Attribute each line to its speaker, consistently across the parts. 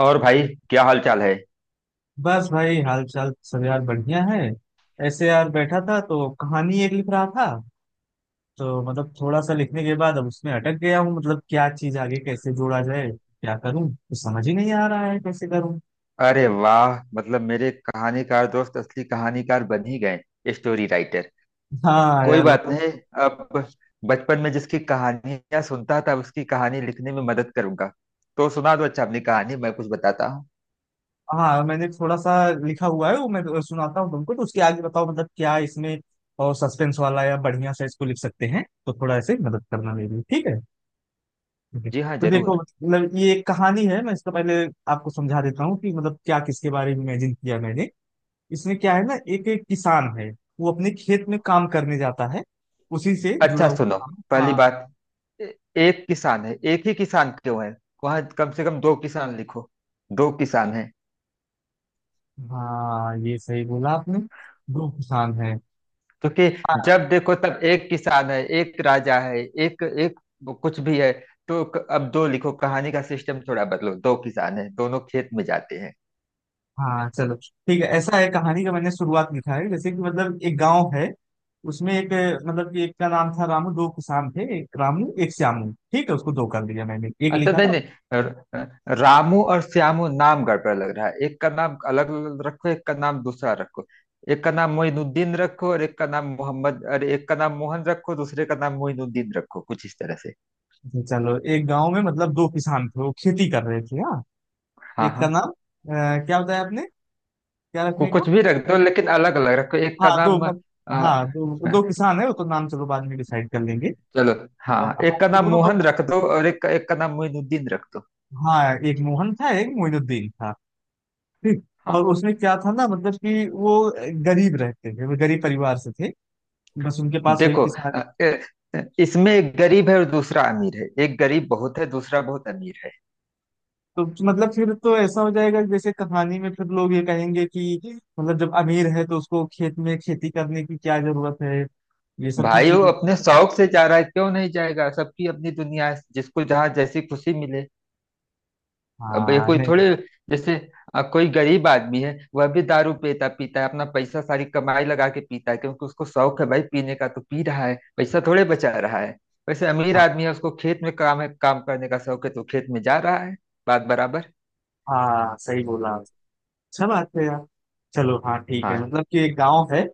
Speaker 1: और भाई, क्या हाल चाल है?
Speaker 2: बस भाई हाल चाल सब यार बढ़िया है। ऐसे यार बैठा था तो कहानी एक लिख रहा था। तो मतलब थोड़ा सा लिखने के बाद अब उसमें अटक गया हूँ, मतलब क्या चीज आगे कैसे जोड़ा जाए, क्या करूँ, कुछ समझ ही नहीं आ रहा है कैसे करूँ।
Speaker 1: अरे वाह, मतलब मेरे कहानीकार दोस्त असली कहानीकार बन ही गए, स्टोरी राइटर।
Speaker 2: हाँ
Speaker 1: कोई
Speaker 2: यार,
Speaker 1: बात
Speaker 2: बताओ।
Speaker 1: नहीं। अब बचपन में जिसकी कहानियां सुनता था उसकी कहानी लिखने में मदद करूंगा। तो सुना दो, अच्छा अपनी कहानी मैं कुछ बताता हूँ।
Speaker 2: हाँ मैंने थोड़ा सा लिखा हुआ है, वो मैं तो सुनाता हूँ तुमको, तो उसके आगे बताओ मतलब क्या इसमें और सस्पेंस वाला या बढ़िया सा इसको लिख सकते हैं, तो थोड़ा ऐसे मदद करना मेरी, ठीक है। ठीक है।
Speaker 1: जी हाँ,
Speaker 2: तो देखो
Speaker 1: जरूर।
Speaker 2: मतलब ये एक कहानी है, मैं इसको पहले आपको समझा देता हूँ कि मतलब क्या, किसके बारे में इमेजिन किया मैंने। इसमें क्या है ना, एक एक किसान है। वो अपने खेत में काम करने जाता है। उसी से जुड़ा
Speaker 1: अच्छा
Speaker 2: हुआ
Speaker 1: सुनो,
Speaker 2: काम।
Speaker 1: पहली
Speaker 2: हाँ
Speaker 1: बात, ए- एक किसान है, एक ही किसान क्यों है? वहां कम से कम दो किसान लिखो, दो किसान है।
Speaker 2: हाँ, ये सही बोला आपने। दो किसान है।
Speaker 1: क्योंकि
Speaker 2: हाँ
Speaker 1: जब देखो तब एक किसान है, एक राजा है, एक एक कुछ भी है। तो अब दो लिखो, कहानी का सिस्टम थोड़ा बदलो, दो किसान है दोनों खेत में जाते हैं।
Speaker 2: हाँ, चलो ठीक है। ऐसा है कहानी का, मैंने शुरुआत लिखा है जैसे कि मतलब एक गांव है, उसमें एक मतलब कि एक का नाम था रामू, दो किसान थे, एक रामू एक श्यामू, ठीक है, उसको दो कर दिया मैंने, एक
Speaker 1: अच्छा,
Speaker 2: लिखा
Speaker 1: नहीं
Speaker 2: था।
Speaker 1: नहीं, रामू और श्यामू नाम गड़बड़ लग रहा है, एक का नाम अलग रखो, एक का नाम दूसरा रखो। एक का नाम मोइनुद्दीन रखो और एक का नाम मोहम्मद, अरे एक का नाम मोहन रखो, दूसरे का नाम मोइनुद्दीन रखो, कुछ इस तरह से।
Speaker 2: अच्छा, चलो एक गांव में मतलब दो किसान थे, वो खेती कर रहे थे, हाँ।
Speaker 1: हाँ
Speaker 2: एक का
Speaker 1: हाँ।
Speaker 2: नाम क्या बताया आपने, क्या रखने
Speaker 1: कुछ
Speaker 2: को।
Speaker 1: भी रख दो, लेकिन अलग अलग रखो, एक
Speaker 2: हाँ
Speaker 1: का
Speaker 2: दो
Speaker 1: नाम
Speaker 2: मत, हाँ दो
Speaker 1: अ,
Speaker 2: दो किसान है, वो तो नाम चलो बाद में डिसाइड कर लेंगे।
Speaker 1: चलो, हाँ
Speaker 2: और
Speaker 1: हाँ,
Speaker 2: हाँ,
Speaker 1: एक का
Speaker 2: वो
Speaker 1: नाम
Speaker 2: दोनों बस,
Speaker 1: मोहन रख दो और एक एक का नाम मोइनुद्दीन रख दो।
Speaker 2: हाँ एक मोहन था एक मोइनुद्दीन था। ठीक।
Speaker 1: हाँ।
Speaker 2: और उसमें क्या था ना, मतलब कि वो गरीब रहते थे, वो गरीब परिवार से थे। बस उनके पास वही
Speaker 1: देखो,
Speaker 2: किसान।
Speaker 1: अ, ए- इसमें एक गरीब है और दूसरा अमीर है, एक गरीब बहुत है, दूसरा बहुत अमीर है।
Speaker 2: तो मतलब फिर तो ऐसा हो जाएगा जैसे कहानी में फिर लोग ये कहेंगे कि मतलब जब अमीर है तो उसको खेत में खेती करने की क्या जरूरत है, ये सब भी
Speaker 1: भाई वो
Speaker 2: चीजें।
Speaker 1: अपने शौक से जा रहा है, क्यों नहीं जाएगा? सबकी अपनी दुनिया है, जिसको जहाँ जैसी खुशी मिले। अब ये
Speaker 2: हाँ
Speaker 1: कोई
Speaker 2: नहीं।
Speaker 1: थोड़े, जैसे कोई गरीब आदमी है, वह भी दारू पीता पीता है, अपना पैसा सारी कमाई लगा के पीता है, क्योंकि उसको शौक है भाई पीने का, तो पी रहा है, पैसा थोड़े बचा रहा है। वैसे अमीर
Speaker 2: हाँ
Speaker 1: आदमी है, उसको खेत में काम है, काम करने का शौक है, तो खेत में जा रहा है। बात बराबर।
Speaker 2: हाँ, सही बोला आप। अच्छा बात है यार। चलो, हाँ ठीक है,
Speaker 1: हाँ।
Speaker 2: मतलब कि एक गांव है,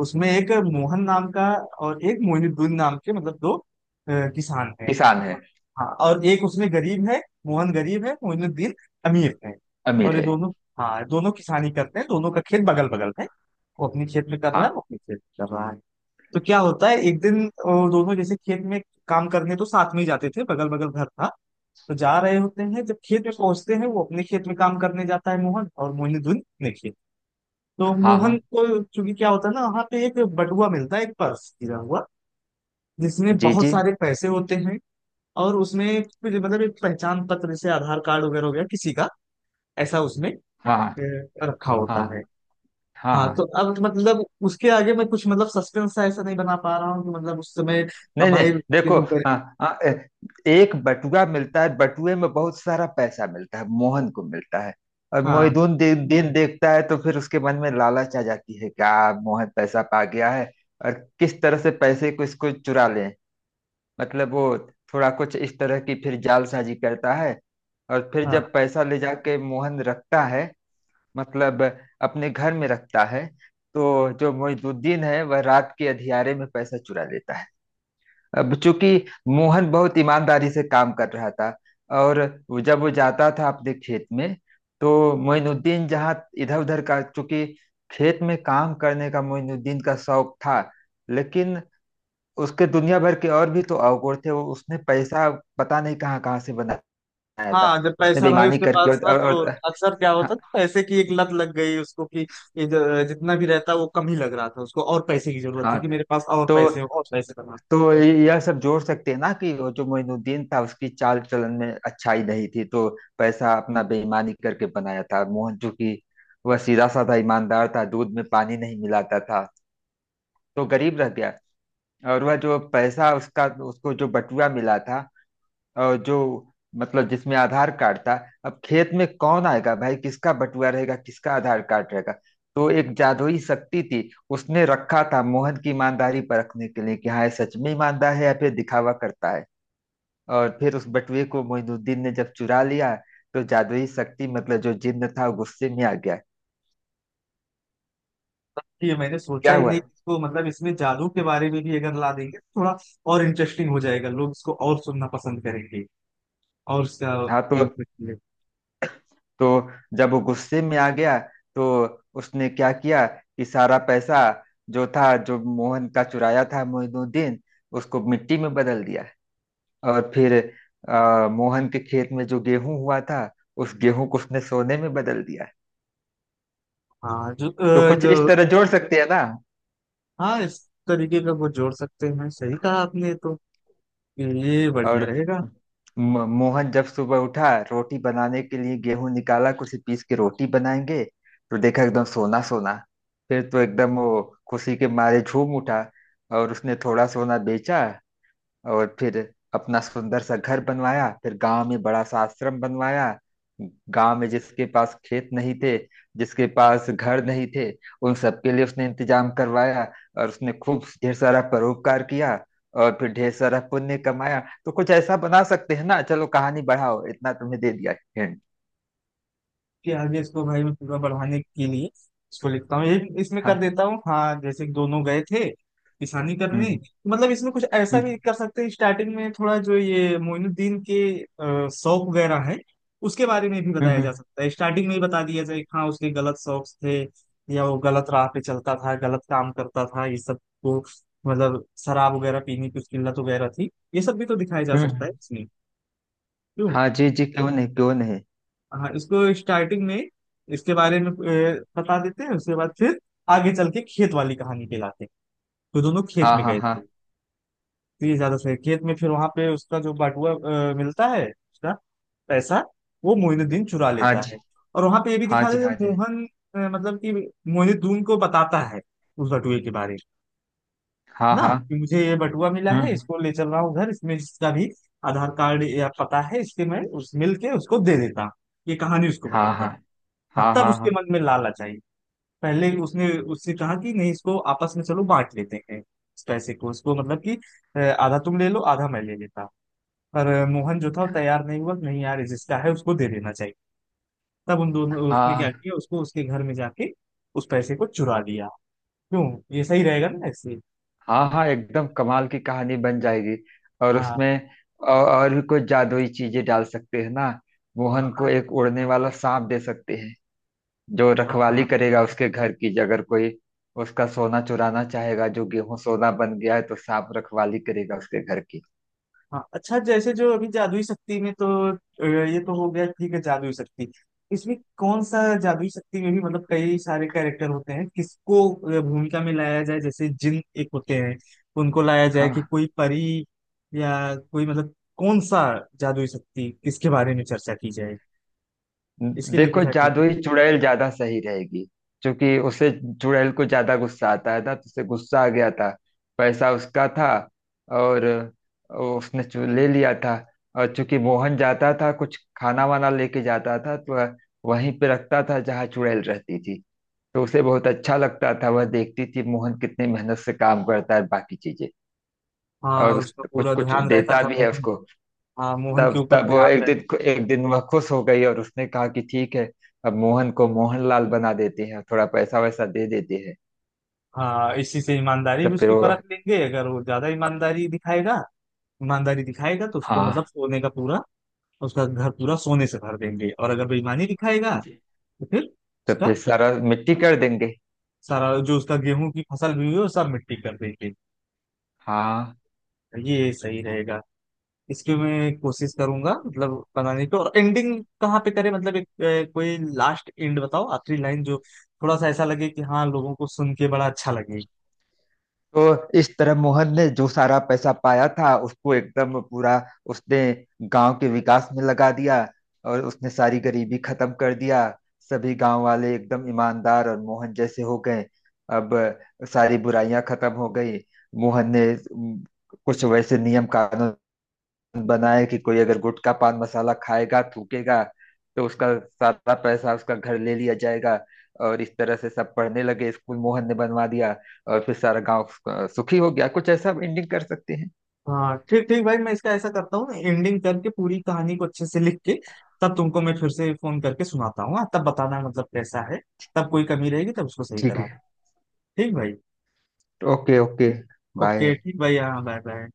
Speaker 2: उसमें एक मोहन नाम का और एक मोहिनुद्दीन नाम के, मतलब दो किसान हैं।
Speaker 1: किसान है।
Speaker 2: हाँ, और एक उसमें गरीब है, मोहन गरीब है, मोहिनुद्दीन अमीर है।
Speaker 1: अमीर
Speaker 2: और ये
Speaker 1: है।
Speaker 2: दोनों, हाँ दोनों किसानी करते हैं, दोनों का खेत बगल बगल है। वो अपने खेत में कर रहा है, वो
Speaker 1: हाँ
Speaker 2: अपने खेत में कर रहा है। तो क्या होता है एक दिन दोनों जैसे खेत में काम करने तो साथ में ही जाते थे, बगल बगल घर था। तो जा रहे होते हैं, जब खेत में पहुंचते हैं, वो अपने खेत में काम करने जाता है मोहन और मोहिनीदुन अपने खेत। तो
Speaker 1: हाँ।
Speaker 2: मोहन
Speaker 1: हाँ
Speaker 2: को चूंकि क्या होता है ना, वहाँ पे एक बटुआ मिलता है, एक पर्स गिरा हुआ जिसमें
Speaker 1: जी
Speaker 2: बहुत
Speaker 1: जी।
Speaker 2: सारे पैसे होते हैं। और उसमें कुछ मतलब एक पहचान पत्र जैसे आधार कार्ड वगैरह हो गया किसी का, ऐसा उसमें
Speaker 1: हाँ हाँ।
Speaker 2: अ, रखा होता
Speaker 1: हाँ
Speaker 2: है।
Speaker 1: हाँ।
Speaker 2: हाँ
Speaker 1: हाँ।
Speaker 2: तो अब मतलब उसके आगे मैं कुछ मतलब सस्पेंस ऐसा नहीं बना पा रहा हूँ कि मतलब उस समय। अब
Speaker 1: नहीं नहीं।
Speaker 2: भाई
Speaker 1: देखो,
Speaker 2: देखो।
Speaker 1: आ, आ, ए- एक बटुआ मिलता है, बटुए में बहुत सारा पैसा मिलता है, मोहन को मिलता है। और
Speaker 2: हाँ
Speaker 1: मोहिदुन दिन देखता है तो फिर उसके मन में लालच आ जाती है क्या। मोहन पैसा पा गया है, और किस तरह से पैसे को इसको चुरा लें, मतलब वो थोड़ा कुछ इस तरह की फिर जालसाजी करता है। और फिर
Speaker 2: हाँ
Speaker 1: जब पैसा ले जाके मोहन रखता है, मतलब अपने घर में रखता है, तो जो मोहिदुद्दीन है वह रात के अंधियारे में पैसा चुरा लेता है। अब चूंकि मोहन बहुत ईमानदारी से काम कर रहा था, और जब वो जाता था अपने खेत में, तो मोइनुद्दीन जहाँ इधर उधर का, चूंकि खेत में काम करने का मोइनुद्दीन का शौक था, लेकिन उसके दुनिया भर के और भी तो अवगुण थे, वो उसने पैसा पता नहीं कहाँ कहाँ से बनाया था।
Speaker 2: हाँ। जब
Speaker 1: उसने
Speaker 2: पैसा भाई
Speaker 1: बेईमानी
Speaker 2: उसके
Speaker 1: करके
Speaker 2: पास
Speaker 1: और,
Speaker 2: था
Speaker 1: और,
Speaker 2: तो
Speaker 1: और
Speaker 2: अक्सर क्या होता
Speaker 1: हाँ,
Speaker 2: था, पैसे की एक लत लग गई उसको कि ये जितना भी रहता वो कम ही लग रहा था उसको, और पैसे की जरूरत
Speaker 1: हाँ।
Speaker 2: थी कि मेरे पास और
Speaker 1: तो
Speaker 2: पैसे हो और पैसे कमा।
Speaker 1: तो यह सब जोड़ सकते हैं ना, कि वो जो मोइनुद्दीन था उसकी चाल चलन में अच्छाई नहीं थी, तो पैसा अपना बेईमानी करके बनाया था। मोहन जो कि वह सीधा साधा ईमानदार था, दूध में पानी नहीं मिलाता था, तो गरीब रह गया। और वह जो पैसा उसका, उसको जो बटुआ मिला था, और जो मतलब जिसमें आधार कार्ड था, अब खेत में कौन आएगा भाई, किसका बटुआ रहेगा, किसका आधार कार्ड रहेगा। तो एक जादुई शक्ति थी, उसने रखा था मोहन की ईमानदारी परखने के लिए, कि हाँ ये सच में ईमानदार है या फिर दिखावा करता है। और फिर उस बटुए को मोहिनुद्दीन ने जब चुरा लिया, तो जादुई शक्ति मतलब जो जिन्न था वो गुस्से में आ गया।
Speaker 2: ये मैंने सोचा
Speaker 1: क्या
Speaker 2: ही
Speaker 1: हुआ?
Speaker 2: नहीं कि इसको मतलब इसमें जादू के बारे में भी अगर ला देंगे तो थोड़ा और इंटरेस्टिंग हो जाएगा, लोग इसको और सुनना पसंद करेंगे और उसका
Speaker 1: हाँ तो
Speaker 2: benefit लेंगे।
Speaker 1: तो जब वो गुस्से में आ गया, तो उसने क्या किया कि सारा पैसा जो था, जो मोहन का चुराया था मोइनुद्दीन, उसको मिट्टी में बदल दिया। और फिर मोहन के खेत में जो गेहूं हुआ था, उस गेहूं को उसने सोने में बदल दिया।
Speaker 2: हाँ जो
Speaker 1: तो
Speaker 2: अ,
Speaker 1: कुछ
Speaker 2: जो
Speaker 1: इस तरह जोड़ सकते हैं ना।
Speaker 2: हाँ इस तरीके का वो जोड़ सकते हैं, सही कहा आपने। तो ये बढ़िया
Speaker 1: और
Speaker 2: रहेगा
Speaker 1: मोहन जब सुबह उठा रोटी बनाने के लिए गेहूं निकाला, कुछ पीस के रोटी बनाएंगे, तो देखा एकदम सोना सोना। फिर तो एकदम वो खुशी के मारे झूम उठा। और उसने थोड़ा सोना बेचा, और फिर अपना सुंदर सा घर बनवाया, फिर गांव में बड़ा सा आश्रम बनवाया। गांव में जिसके पास खेत नहीं थे, जिसके पास घर नहीं थे, उन सबके लिए उसने इंतजाम करवाया। और उसने खूब ढेर सारा परोपकार किया, और फिर ढेर सारा पुण्य कमाया। तो कुछ ऐसा बना सकते हैं ना, चलो कहानी बढ़ाओ, इतना तुम्हें दे दिया हिंट।
Speaker 2: कि आगे इसको भाई मैं पूरा बढ़ाने के लिए इसको लिखता हूँ, यही इसमें कर
Speaker 1: हाँ।
Speaker 2: देता हूँ। हाँ जैसे कि दोनों गए थे किसानी करने।
Speaker 1: हम्म।
Speaker 2: मतलब इसमें कुछ ऐसा
Speaker 1: हम्म।
Speaker 2: भी कर सकते हैं, स्टार्टिंग में थोड़ा जो ये मोइनुद्दीन के शौक वगैरह है, उसके बारे में भी
Speaker 1: हम्म।
Speaker 2: बताया जा सकता है, स्टार्टिंग में ही बता दिया जाए कि हाँ उसके गलत शौक थे या वो गलत राह पे चलता था, गलत काम करता था, ये सब को मतलब शराब वगैरह पीने की उसकी लत वगैरह थी, ये सब भी तो दिखाया जा
Speaker 1: हम्म,
Speaker 2: सकता है
Speaker 1: हम्म।
Speaker 2: इसमें, क्यों।
Speaker 1: हाँ जी जी, क्यों नहीं, क्यों नहीं।
Speaker 2: हाँ इसको स्टार्टिंग में इसके बारे में बता देते हैं, उसके बाद फिर आगे चल के खेत वाली कहानी पे लाते हैं। तो दोनों खेत
Speaker 1: हाँ
Speaker 2: में
Speaker 1: हाँ
Speaker 2: गए
Speaker 1: हाँ।
Speaker 2: थे, तो ये ज्यादा सही है। खेत में फिर वहां पे उसका जो बटुआ मिलता है, उसका पैसा वो मोइनुद्दीन चुरा
Speaker 1: हाँ
Speaker 2: लेता
Speaker 1: जी।
Speaker 2: है। और वहां पे ये भी
Speaker 1: हाँ
Speaker 2: दिखा
Speaker 1: जी। हाँ
Speaker 2: देते हैं,
Speaker 1: जी।
Speaker 2: मोहन मतलब कि मोइनुद्दीन को बताता है उस बटुए के बारे में,
Speaker 1: हाँ
Speaker 2: ना
Speaker 1: हाँ।
Speaker 2: कि मुझे ये बटुआ मिला है,
Speaker 1: हम्म।
Speaker 2: इसको ले चल रहा हूँ घर, इसमें इसका भी आधार कार्ड या पता है इसके, मैं उस मिल के उसको दे देता हूँ। ये कहानी उसको
Speaker 1: हाँ
Speaker 2: बताता है।
Speaker 1: हाँ
Speaker 2: हाँ
Speaker 1: हाँ।
Speaker 2: तब
Speaker 1: हाँ
Speaker 2: उसके
Speaker 1: हाँ
Speaker 2: मन में लालच आई। पहले उसने उससे कहा कि नहीं इसको आपस में चलो बांट लेते हैं इस पैसे को, इसको मतलब कि आधा तुम ले लो आधा मैं ले लेता। पर मोहन जो था वो तैयार नहीं हुआ, नहीं यार जिसका है उसको दे देना चाहिए। तब उन दोनों उसने क्या
Speaker 1: हाँ।
Speaker 2: किया, उसको उसके घर में जाके उस पैसे को चुरा लिया, क्यों, ये सही रहेगा ना ऐसे।
Speaker 1: हाँ हाँ एकदम कमाल की कहानी बन जाएगी। और
Speaker 2: हाँ
Speaker 1: उसमें और भी कुछ जादुई चीजें डाल सकते हैं ना। मोहन को एक उड़ने वाला सांप दे सकते हैं, जो रखवाली
Speaker 2: हाँ
Speaker 1: करेगा उसके घर की, अगर कोई उसका सोना चुराना चाहेगा, जो गेहूं सोना बन गया है, तो सांप रखवाली करेगा उसके घर की।
Speaker 2: हाँ। अच्छा जैसे जो अभी जादुई शक्ति में तो अ, ये तो हो गया ठीक है, जादुई शक्ति इसमें कौन सा जादुई शक्ति में भी मतलब कई सारे कैरेक्टर होते हैं, किसको भूमिका में लाया जाए, जैसे जिन एक होते हैं उनको लाया जाए, कि
Speaker 1: हाँ
Speaker 2: कोई परी या कोई मतलब कौन सा जादुई शक्ति किसके बारे में चर्चा की जाए, इसके लिए
Speaker 1: देखो,
Speaker 2: कुछ आइडिया।
Speaker 1: जादुई चुड़ैल ज्यादा सही रहेगी। क्योंकि उसे, चुड़ैल को ज्यादा गुस्सा आता है ना, तो उसे गुस्सा आ गया था, पैसा उसका था, और उसने ले लिया था। और चूंकि मोहन जाता था कुछ खाना वाना लेके जाता था, तो वहीं पे रखता था जहाँ चुड़ैल रहती थी। तो उसे बहुत अच्छा लगता था, वह देखती थी मोहन कितनी मेहनत से काम करता है, बाकी चीजें।
Speaker 2: हाँ
Speaker 1: और उस
Speaker 2: उसका
Speaker 1: कुछ
Speaker 2: पूरा
Speaker 1: कुछ
Speaker 2: ध्यान रहता
Speaker 1: देता
Speaker 2: था
Speaker 1: भी है
Speaker 2: मोहन।
Speaker 1: उसको।
Speaker 2: हाँ मोहन के
Speaker 1: तब
Speaker 2: ऊपर
Speaker 1: तब वो
Speaker 2: ध्यान
Speaker 1: एक
Speaker 2: रहता।
Speaker 1: दिन, एक दिन वह खुश हो गई और उसने कहा कि ठीक है, अब मोहन को मोहनलाल बना देते हैं, थोड़ा पैसा वैसा दे देते हैं।
Speaker 2: हाँ इसी से ईमानदारी
Speaker 1: तो
Speaker 2: भी
Speaker 1: फिर
Speaker 2: उसकी
Speaker 1: वो,
Speaker 2: परख लेंगे, अगर वो ज्यादा ईमानदारी दिखाएगा, ईमानदारी दिखाएगा तो उसको मतलब
Speaker 1: हाँ
Speaker 2: सोने का पूरा उसका घर पूरा सोने से भर देंगे, और अगर बेईमानी दिखाएगा
Speaker 1: जी,
Speaker 2: तो फिर
Speaker 1: तो फिर
Speaker 2: उसका
Speaker 1: सारा मिट्टी कर देंगे।
Speaker 2: सारा जो उसका गेहूं की फसल भी हुई है वो सब मिट्टी कर देंगे।
Speaker 1: हाँ।
Speaker 2: तो ये सही रहेगा, इसकी मैं कोशिश करूंगा मतलब बनाने की। और एंडिंग कहाँ पे करें, मतलब एक कोई लास्ट एंड बताओ, आखिरी लाइन जो थोड़ा सा ऐसा लगे कि हाँ, लोगों को सुन के बड़ा अच्छा लगे।
Speaker 1: तो इस तरह मोहन ने जो सारा पैसा पाया था, उसको एकदम पूरा उसने गांव के विकास में लगा दिया। और उसने सारी गरीबी खत्म कर दिया, सभी गांव वाले एकदम ईमानदार और मोहन जैसे हो गए। अब सारी बुराइयां खत्म हो गई। मोहन ने उम, कुछ वैसे नियम कानून बनाए कि कोई अगर गुटखा पान मसाला खाएगा थूकेगा, तो उसका सारा पैसा उसका घर ले लिया जाएगा। और इस तरह से सब पढ़ने लगे, स्कूल मोहन ने बनवा दिया। और फिर सारा गांव सुखी हो गया, कुछ ऐसा एंडिंग कर सकते हैं।
Speaker 2: हाँ ठीक ठीक भाई, मैं इसका ऐसा करता हूँ, एंडिंग करके पूरी कहानी को अच्छे से लिख के तब तुमको मैं फिर से फोन करके सुनाता हूँ, हाँ, तब बताना मतलब कैसा है, तब कोई कमी रहेगी तब उसको सही
Speaker 1: ठीक
Speaker 2: कराना।
Speaker 1: है।
Speaker 2: ठीक भाई।
Speaker 1: Okay okay. बाय।
Speaker 2: ओके, ठीक भाई, हाँ बाय बाय।